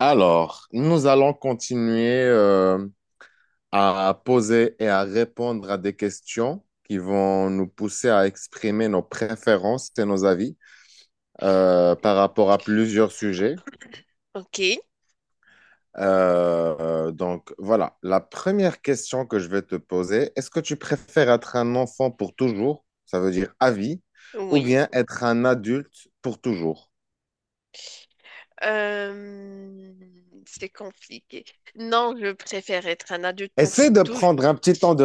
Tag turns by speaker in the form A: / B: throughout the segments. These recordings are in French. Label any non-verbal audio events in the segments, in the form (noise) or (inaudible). A: Alors, nous allons continuer à poser et à répondre à des questions qui vont nous pousser à exprimer nos préférences et nos avis par rapport à plusieurs sujets.
B: Ok,
A: Euh, donc voilà, la première question que je vais te poser, est-ce que tu préfères être un enfant pour toujours, ça veut dire à vie, ou
B: oui.
A: bien être un adulte pour toujours?
B: Euh, c'est compliqué. Non, je préfère être un adulte pour
A: Essaie de prendre un petit temps de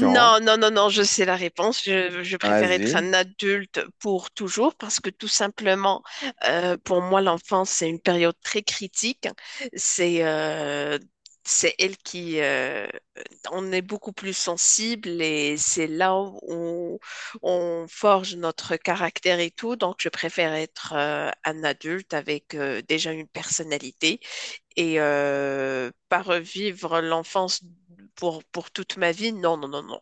B: non, non, non, non, je sais la réponse. Je préfère être
A: Vas-y.
B: un adulte pour toujours parce que tout simplement, pour moi, l'enfance, c'est une période très critique. C'est euh, c'est elle qui on est beaucoup plus sensible et c'est là où on forge notre caractère et tout. Donc, je préfère être un adulte avec déjà une personnalité. Et pas revivre l'enfance pour toute ma vie, non, non, non, non.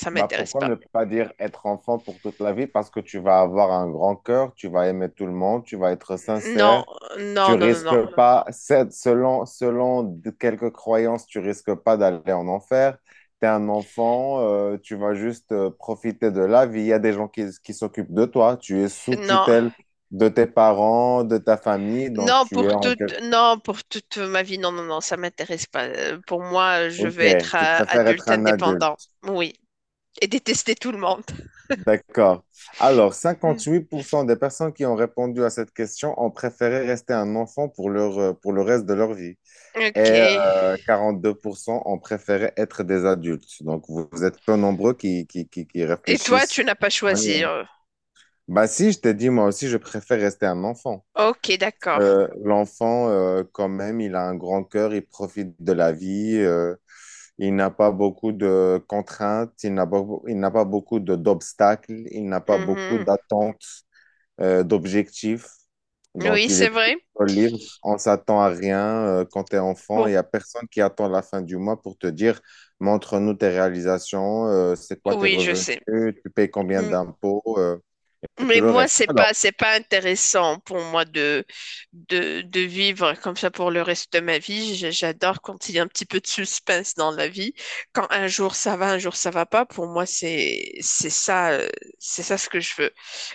B: Ça
A: Bah,
B: m'intéresse
A: pourquoi
B: pas.
A: ne pas dire être enfant pour toute la vie? Parce que tu vas avoir un grand cœur, tu vas aimer tout le monde, tu vas être
B: Non,
A: sincère,
B: non,
A: tu
B: non, non,
A: risques
B: non.
A: pas, selon quelques croyances, tu risques pas d'aller en enfer. Tu es un enfant, tu vas juste profiter de la vie. Il y a des gens qui s'occupent de toi, tu es sous
B: Non,
A: tutelle de tes parents, de ta famille, donc
B: non,
A: tu es
B: pour
A: en...
B: toute, non, pour toute ma vie, non, non, non, ça m'intéresse pas. Pour moi, je
A: Ok,
B: veux être
A: tu préfères être
B: adulte
A: un
B: indépendant.
A: adulte.
B: Oui. Et détester tout le monde.
A: D'accord. Alors,
B: Mm.
A: 58% des personnes qui ont répondu à cette question ont préféré rester un enfant pour leur, pour le reste de leur vie. Et
B: Ok. Et
A: 42% ont préféré être des adultes. Donc, vous êtes peu nombreux qui
B: toi,
A: réfléchissent.
B: tu n'as pas
A: Ouais.
B: choisi.
A: Bah si, je t'ai dit, moi aussi, je préfère rester un enfant.
B: Ok, d'accord.
A: L'enfant, quand même, il a un grand cœur, il profite de la vie, il n'a pas beaucoup de contraintes, il n'a pas beaucoup d'obstacles, il n'a pas beaucoup
B: Mhm.
A: d'attentes d'objectifs.
B: Oui,
A: Donc, il
B: c'est
A: est
B: vrai.
A: plutôt libre. On s'attend à rien quand tu es enfant. Il n'y
B: Pour...
A: a personne qui attend la fin du mois pour te dire, montre-nous tes réalisations, c'est quoi tes
B: Oui, je
A: revenus,
B: sais.
A: tu payes combien d'impôts, et tout
B: Mais
A: le
B: moi,
A: reste.
B: c'est
A: Alors,
B: pas, c'est pas intéressant pour moi de vivre comme ça pour le reste de ma vie. J'adore quand il y a un petit peu de suspense dans la vie. Quand un jour ça va, un jour ça va pas, pour moi, c'est ça, c'est ça ce que je veux.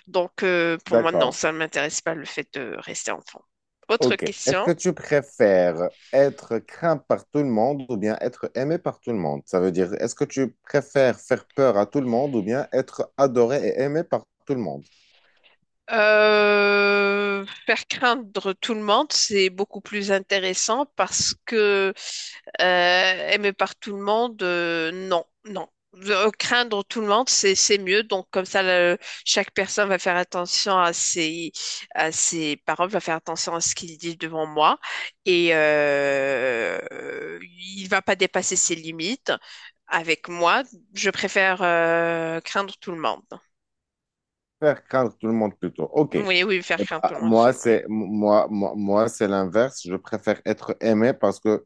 B: Donc,
A: mm,
B: pour moi, non,
A: d'accord.
B: ça ne m'intéresse pas le fait de rester enfant. Autre
A: Ok. Est-ce
B: question.
A: que tu préfères être craint par tout le monde ou bien être aimé par tout le monde? Ça veut dire, est-ce que tu préfères faire peur à tout le monde ou bien être adoré et aimé par tout le monde?
B: Faire craindre tout le monde, c'est beaucoup plus intéressant parce que aimer par tout le monde, non, non. Craindre tout le monde, c'est mieux. Donc comme ça, chaque personne va faire attention à ses paroles, va faire attention à ce qu'il dit devant moi et il va pas dépasser ses limites avec moi. Je préfère craindre tout le monde.
A: Faire craindre tout le monde plutôt. Ok. Eh
B: Oui, oui, faire craindre
A: ben,
B: tout le monde.
A: moi,
B: Absolument.
A: c'est moi, moi, moi, c'est l'inverse. Je préfère être aimé parce que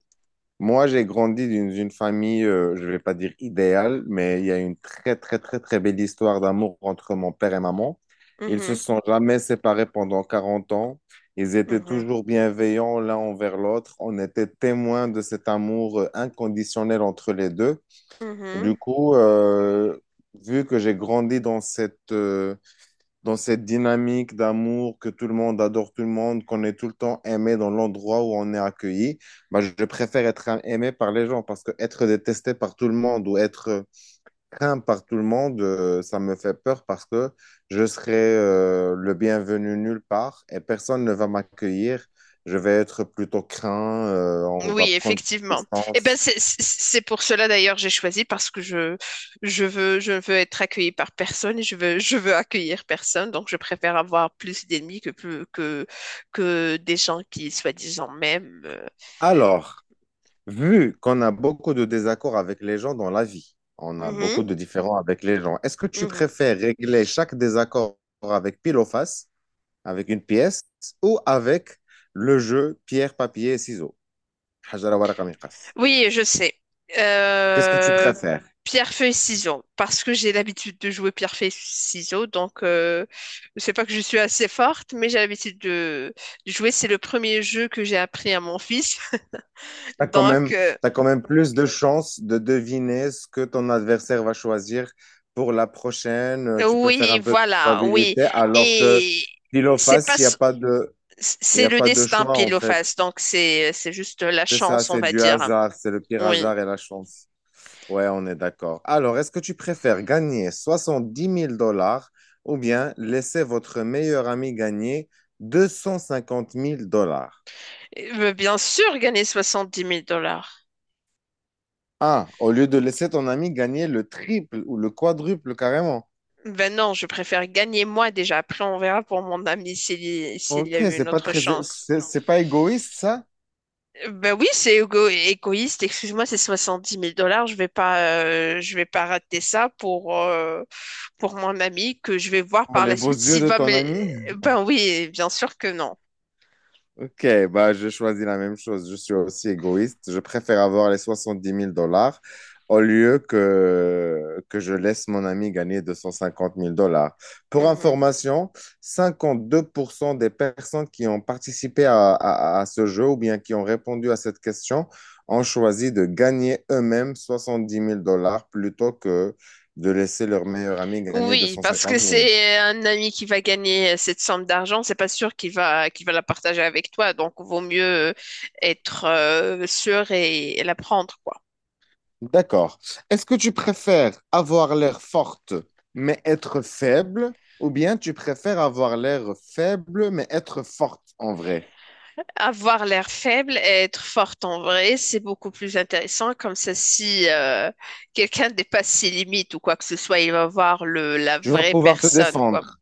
A: moi, j'ai grandi d'une famille, je vais pas dire idéale, mais il y a une très, très, très, très belle histoire d'amour entre mon père et maman. Ils se
B: Mhm,
A: sont jamais séparés pendant 40 ans. Ils étaient
B: mhm,
A: toujours bienveillants l'un envers l'autre. On était témoins de cet amour inconditionnel entre les deux. Du
B: mhm.
A: coup, vu que j'ai grandi dans cette dynamique d'amour, que tout le monde adore tout le monde, qu'on est tout le temps aimé dans l'endroit où on est accueilli, bah, je préfère être aimé par les gens parce que être détesté par tout le monde ou être craint par tout le monde, ça me fait peur parce que je serai le bienvenu nulle part et personne ne va m'accueillir. Je vais être plutôt craint, on va
B: Oui,
A: prendre
B: effectivement. Et ben
A: distance.
B: c'est pour cela d'ailleurs j'ai choisi parce que je je veux être accueillie par personne et je veux accueillir personne donc je préfère avoir plus d'ennemis que plus que des gens qui soi-disant m'aiment.
A: Alors, vu qu'on a beaucoup de désaccords avec les gens dans la vie, on a
B: Mhm,
A: beaucoup de différends avec les gens, est-ce que tu
B: mhm.
A: préfères régler chaque désaccord avec pile ou face, avec une pièce, ou avec le jeu pierre, papier, ciseaux? Hajara, waraka, miqas.
B: Oui, je sais.
A: Qu'est-ce que tu
B: Euh,
A: préfères?
B: Pierre, feuille, ciseaux. Parce que j'ai l'habitude de jouer pierre, feuille, ciseaux. Donc, c'est pas que je suis assez forte, mais j'ai l'habitude de jouer. C'est le premier jeu que j'ai appris à mon fils. (laughs)
A: T'as quand
B: Donc,
A: même, t'as quand même plus de chances de deviner ce que ton adversaire va choisir pour la prochaine. Tu peux faire
B: oui,
A: un peu de
B: voilà, oui.
A: probabilité, alors que
B: Et
A: pile ou
B: c'est pas,
A: face,
B: s-
A: il n'y
B: c'est
A: a
B: le
A: pas de
B: destin
A: choix, en
B: pile ou
A: fait.
B: face. Donc, c'est juste la
A: C'est ça,
B: chance, on
A: c'est
B: va
A: du
B: dire.
A: hasard, c'est le pire
B: Oui.
A: hasard et la chance. Ouais, on est d'accord. Alors, est-ce que tu préfères gagner 70 000 $ ou bien laisser votre meilleur ami gagner deux cent cinquante mille dollars?
B: Bien sûr, gagner soixante-dix mille dollars.
A: Ah, au lieu de laisser ton ami gagner le triple ou le quadruple carrément.
B: Ben non, je préfère gagner moi déjà. Après, on verra pour mon ami s'il y a
A: Ok,
B: eu une autre chance.
A: c'est pas égoïste ça?
B: Ben oui, c'est égo- égoïste. Excuse-moi, c'est soixante-dix mille dollars. Je vais pas rater ça pour mon ami que je vais voir
A: Pour
B: par
A: les
B: la
A: beaux
B: suite
A: yeux
B: s'il
A: de
B: va me.
A: ton ami?
B: Ben oui, bien sûr que non.
A: Ok, bah, je choisis la même chose. Je suis aussi égoïste. Je préfère avoir les 70 000 $ au lieu que je laisse mon ami gagner deux cent cinquante mille dollars. Pour
B: Mhm.
A: information, 52% des personnes qui ont participé à ce jeu ou bien qui ont répondu à cette question ont choisi de gagner eux-mêmes 70 000 $ plutôt que de laisser leur meilleur ami gagner deux
B: Oui,
A: cent
B: parce que
A: cinquante mille.
B: c'est un ami qui va gagner cette somme d'argent, c'est pas sûr qu'il va la partager avec toi, donc vaut mieux être sûr et la prendre, quoi.
A: D'accord. Est-ce que tu préfères avoir l'air forte mais être faible ou bien tu préfères avoir l'air faible mais être forte en vrai?
B: Avoir l'air faible et être forte en vrai, c'est beaucoup plus intéressant. Comme ça, si quelqu'un dépasse ses limites ou quoi que ce soit, il va voir la
A: Tu vas
B: vraie
A: pouvoir te
B: personne, quoi.
A: défendre.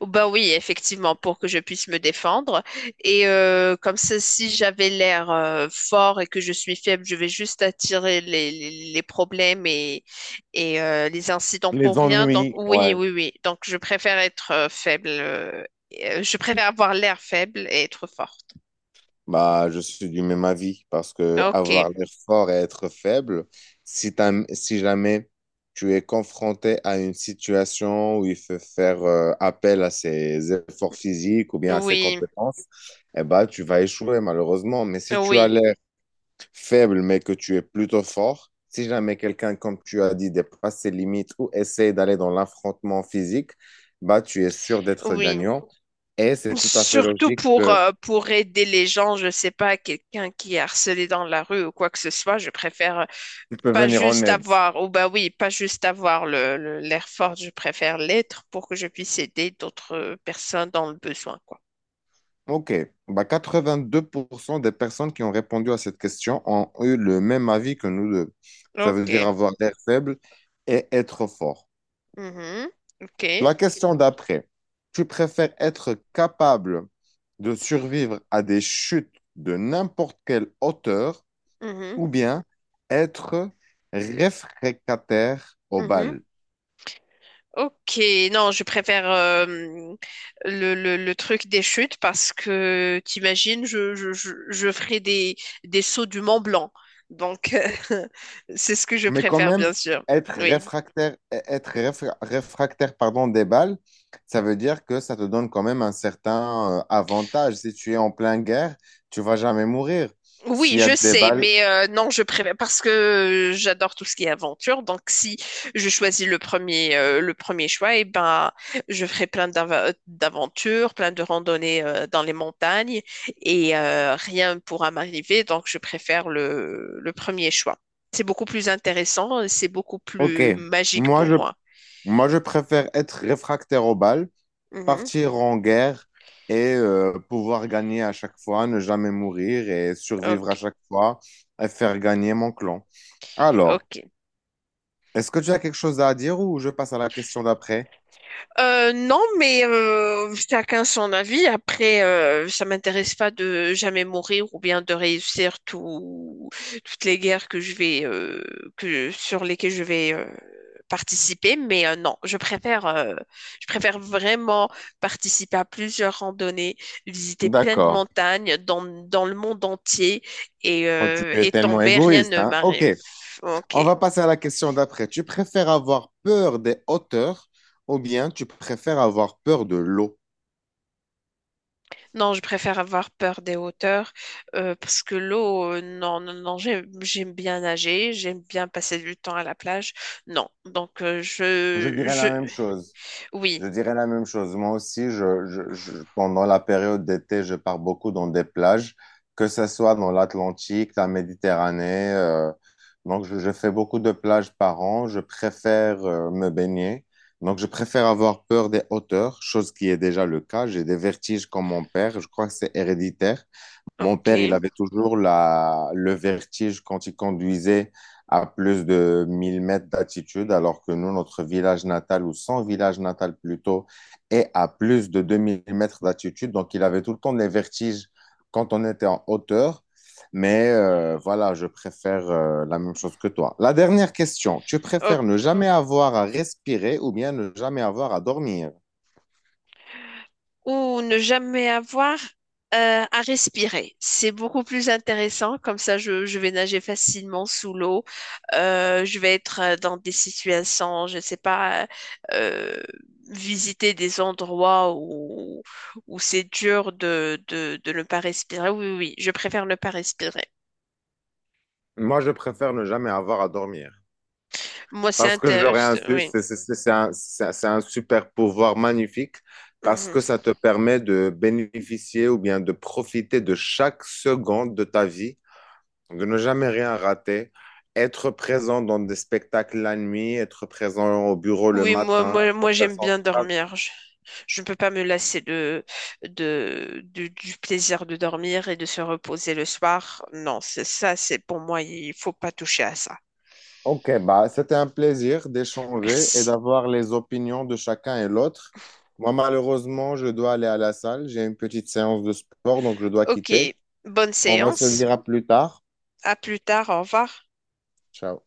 B: Ou ben oui, effectivement, pour que je puisse me défendre. Et comme ça, si j'avais l'air fort et que je suis faible, je vais juste attirer les problèmes et les incidents
A: Les
B: pour rien. Donc
A: ennuis,
B: oui,
A: ouais.
B: oui, oui. Donc je préfère être faible. Et, je préfère avoir l'air faible et être forte.
A: Bah, je suis du même avis parce que
B: Ok.
A: avoir l'air fort et être faible, si si jamais tu es confronté à une situation où il faut faire appel à ses efforts physiques ou bien à ses
B: Oui,
A: compétences, eh bah, tu vas échouer malheureusement. Mais si tu as
B: oui,
A: l'air faible, mais que tu es plutôt fort. Si jamais quelqu'un, comme tu as dit, dépasse ses limites ou essaie d'aller dans l'affrontement physique, bah, tu es sûr d'être
B: oui.
A: gagnant. Et c'est tout à fait
B: Surtout
A: logique que
B: pour aider les gens, je sais pas, quelqu'un qui est harcelé dans la rue ou quoi que ce soit, je préfère
A: tu peux
B: pas
A: venir en
B: juste
A: aide.
B: avoir, oh bah oui, pas juste avoir l'air fort, je préfère l'être pour que je puisse aider d'autres personnes dans le besoin, quoi.
A: OK. Bah, 82% des personnes qui ont répondu à cette question ont eu le même avis que nous deux. Ça veut
B: Ok.
A: dire avoir l'air faible et être fort.
B: Mhm. Ok.
A: La question d'après, tu préfères être capable de survivre à des chutes de n'importe quelle hauteur
B: Mhm.
A: ou bien être réfractaire aux
B: Mhm.
A: balles?
B: Ok, non, je préfère le truc des chutes parce que t'imagines, je ferai des sauts du Mont Blanc. Donc, (laughs) c'est ce que je
A: Mais quand
B: préfère,
A: même,
B: bien sûr.
A: être
B: Oui.
A: réfractaire, être réfractaire, pardon, des balles, ça veut dire que ça te donne quand même un certain avantage. Si tu es en pleine guerre, tu vas jamais mourir.
B: Oui,
A: S'il y a
B: je
A: des
B: sais,
A: balles,
B: mais non, je préfère parce que j'adore tout ce qui est aventure. Donc, si je choisis le premier choix, eh ben, je ferai plein d'aventures, plein de randonnées dans les montagnes et rien ne pourra m'arriver. Donc, je préfère le premier choix. C'est beaucoup plus intéressant, c'est beaucoup
A: ok.
B: plus magique
A: Moi,
B: pour
A: je,
B: moi.
A: moi, je préfère être réfractaire aux balles
B: Mhm.
A: partir en guerre et pouvoir gagner à chaque fois, ne jamais mourir et survivre à
B: Ok,
A: chaque fois et faire gagner mon clan. Alors,
B: ok.
A: est-ce que tu as quelque chose à dire ou je passe à la question d'après?
B: Non, mais chacun son avis. Après, ça m'intéresse pas de jamais mourir ou bien de réussir tout, toutes les guerres que je vais que sur lesquelles je vais participer. Mais non, je préfère vraiment participer à plusieurs randonnées, visiter plein de
A: D'accord.
B: montagnes dans dans le monde entier
A: Oh, tu es
B: et
A: tellement
B: tomber, rien
A: égoïste,
B: ne
A: hein? Ok,
B: m'arrive.
A: on
B: Ok.
A: va passer à la question d'après. Tu préfères avoir peur des hauteurs ou bien tu préfères avoir peur de l'eau?
B: Non, je préfère avoir peur des hauteurs parce que l'eau, non, non, non, j'aime, j'aime bien nager, j'aime bien passer du temps à la plage. Non, donc
A: Je dirais
B: je,
A: la même chose. Je
B: oui,
A: dirais la même chose. Moi aussi, pendant la période d'été, je pars beaucoup dans des plages, que ce soit dans l'Atlantique, la Méditerranée. Donc, je fais beaucoup de plages par an. Je préfère me baigner. Donc, je préfère avoir peur des hauteurs, chose qui est déjà le cas. J'ai des vertiges comme mon père. Je crois que c'est héréditaire. Mon
B: ok,
A: père, il avait toujours la, le vertige quand il conduisait à plus de 1 000 mètres d'altitude, alors que nous, notre village natal, ou son village natal plutôt, est à plus de 2 000 mètres d'altitude. Donc, il avait tout le temps des vertiges quand on était en hauteur. Mais voilà, je préfère la même chose que toi. La dernière question, tu préfères ne jamais avoir à respirer ou bien ne jamais avoir à dormir?
B: ou ne jamais avoir à respirer. C'est beaucoup plus intéressant. Comme ça, je vais nager facilement sous l'eau. Je vais être dans des situations, je ne sais pas, euh, visiter des endroits où c'est dur de ne pas respirer. Oui, oui, oui, je préfère ne pas respirer.
A: Moi, je préfère ne jamais avoir à dormir.
B: Moi, c'est
A: Parce que je leur ai
B: intéressant.
A: insu-
B: Oui.
A: c'est un super pouvoir magnifique parce
B: Mhm.
A: que ça te permet de bénéficier ou bien de profiter de chaque seconde de ta vie, de ne jamais rien rater, être présent dans des spectacles la nuit, être présent au bureau le
B: Oui,
A: matin
B: moi
A: pour faire
B: j'aime
A: son
B: bien
A: travail.
B: dormir. Je ne peux pas me lasser du plaisir de dormir et de se reposer le soir. Non, c'est ça, c'est pour moi, il faut pas toucher à ça.
A: Ok, bah, c'était un plaisir d'échanger et
B: Merci.
A: d'avoir les opinions de chacun et l'autre. Moi, malheureusement, je dois aller à la salle. J'ai une petite séance de sport, donc je dois quitter.
B: Ok, bonne
A: On va se
B: séance.
A: dire à plus tard.
B: À plus tard, au revoir.
A: Ciao.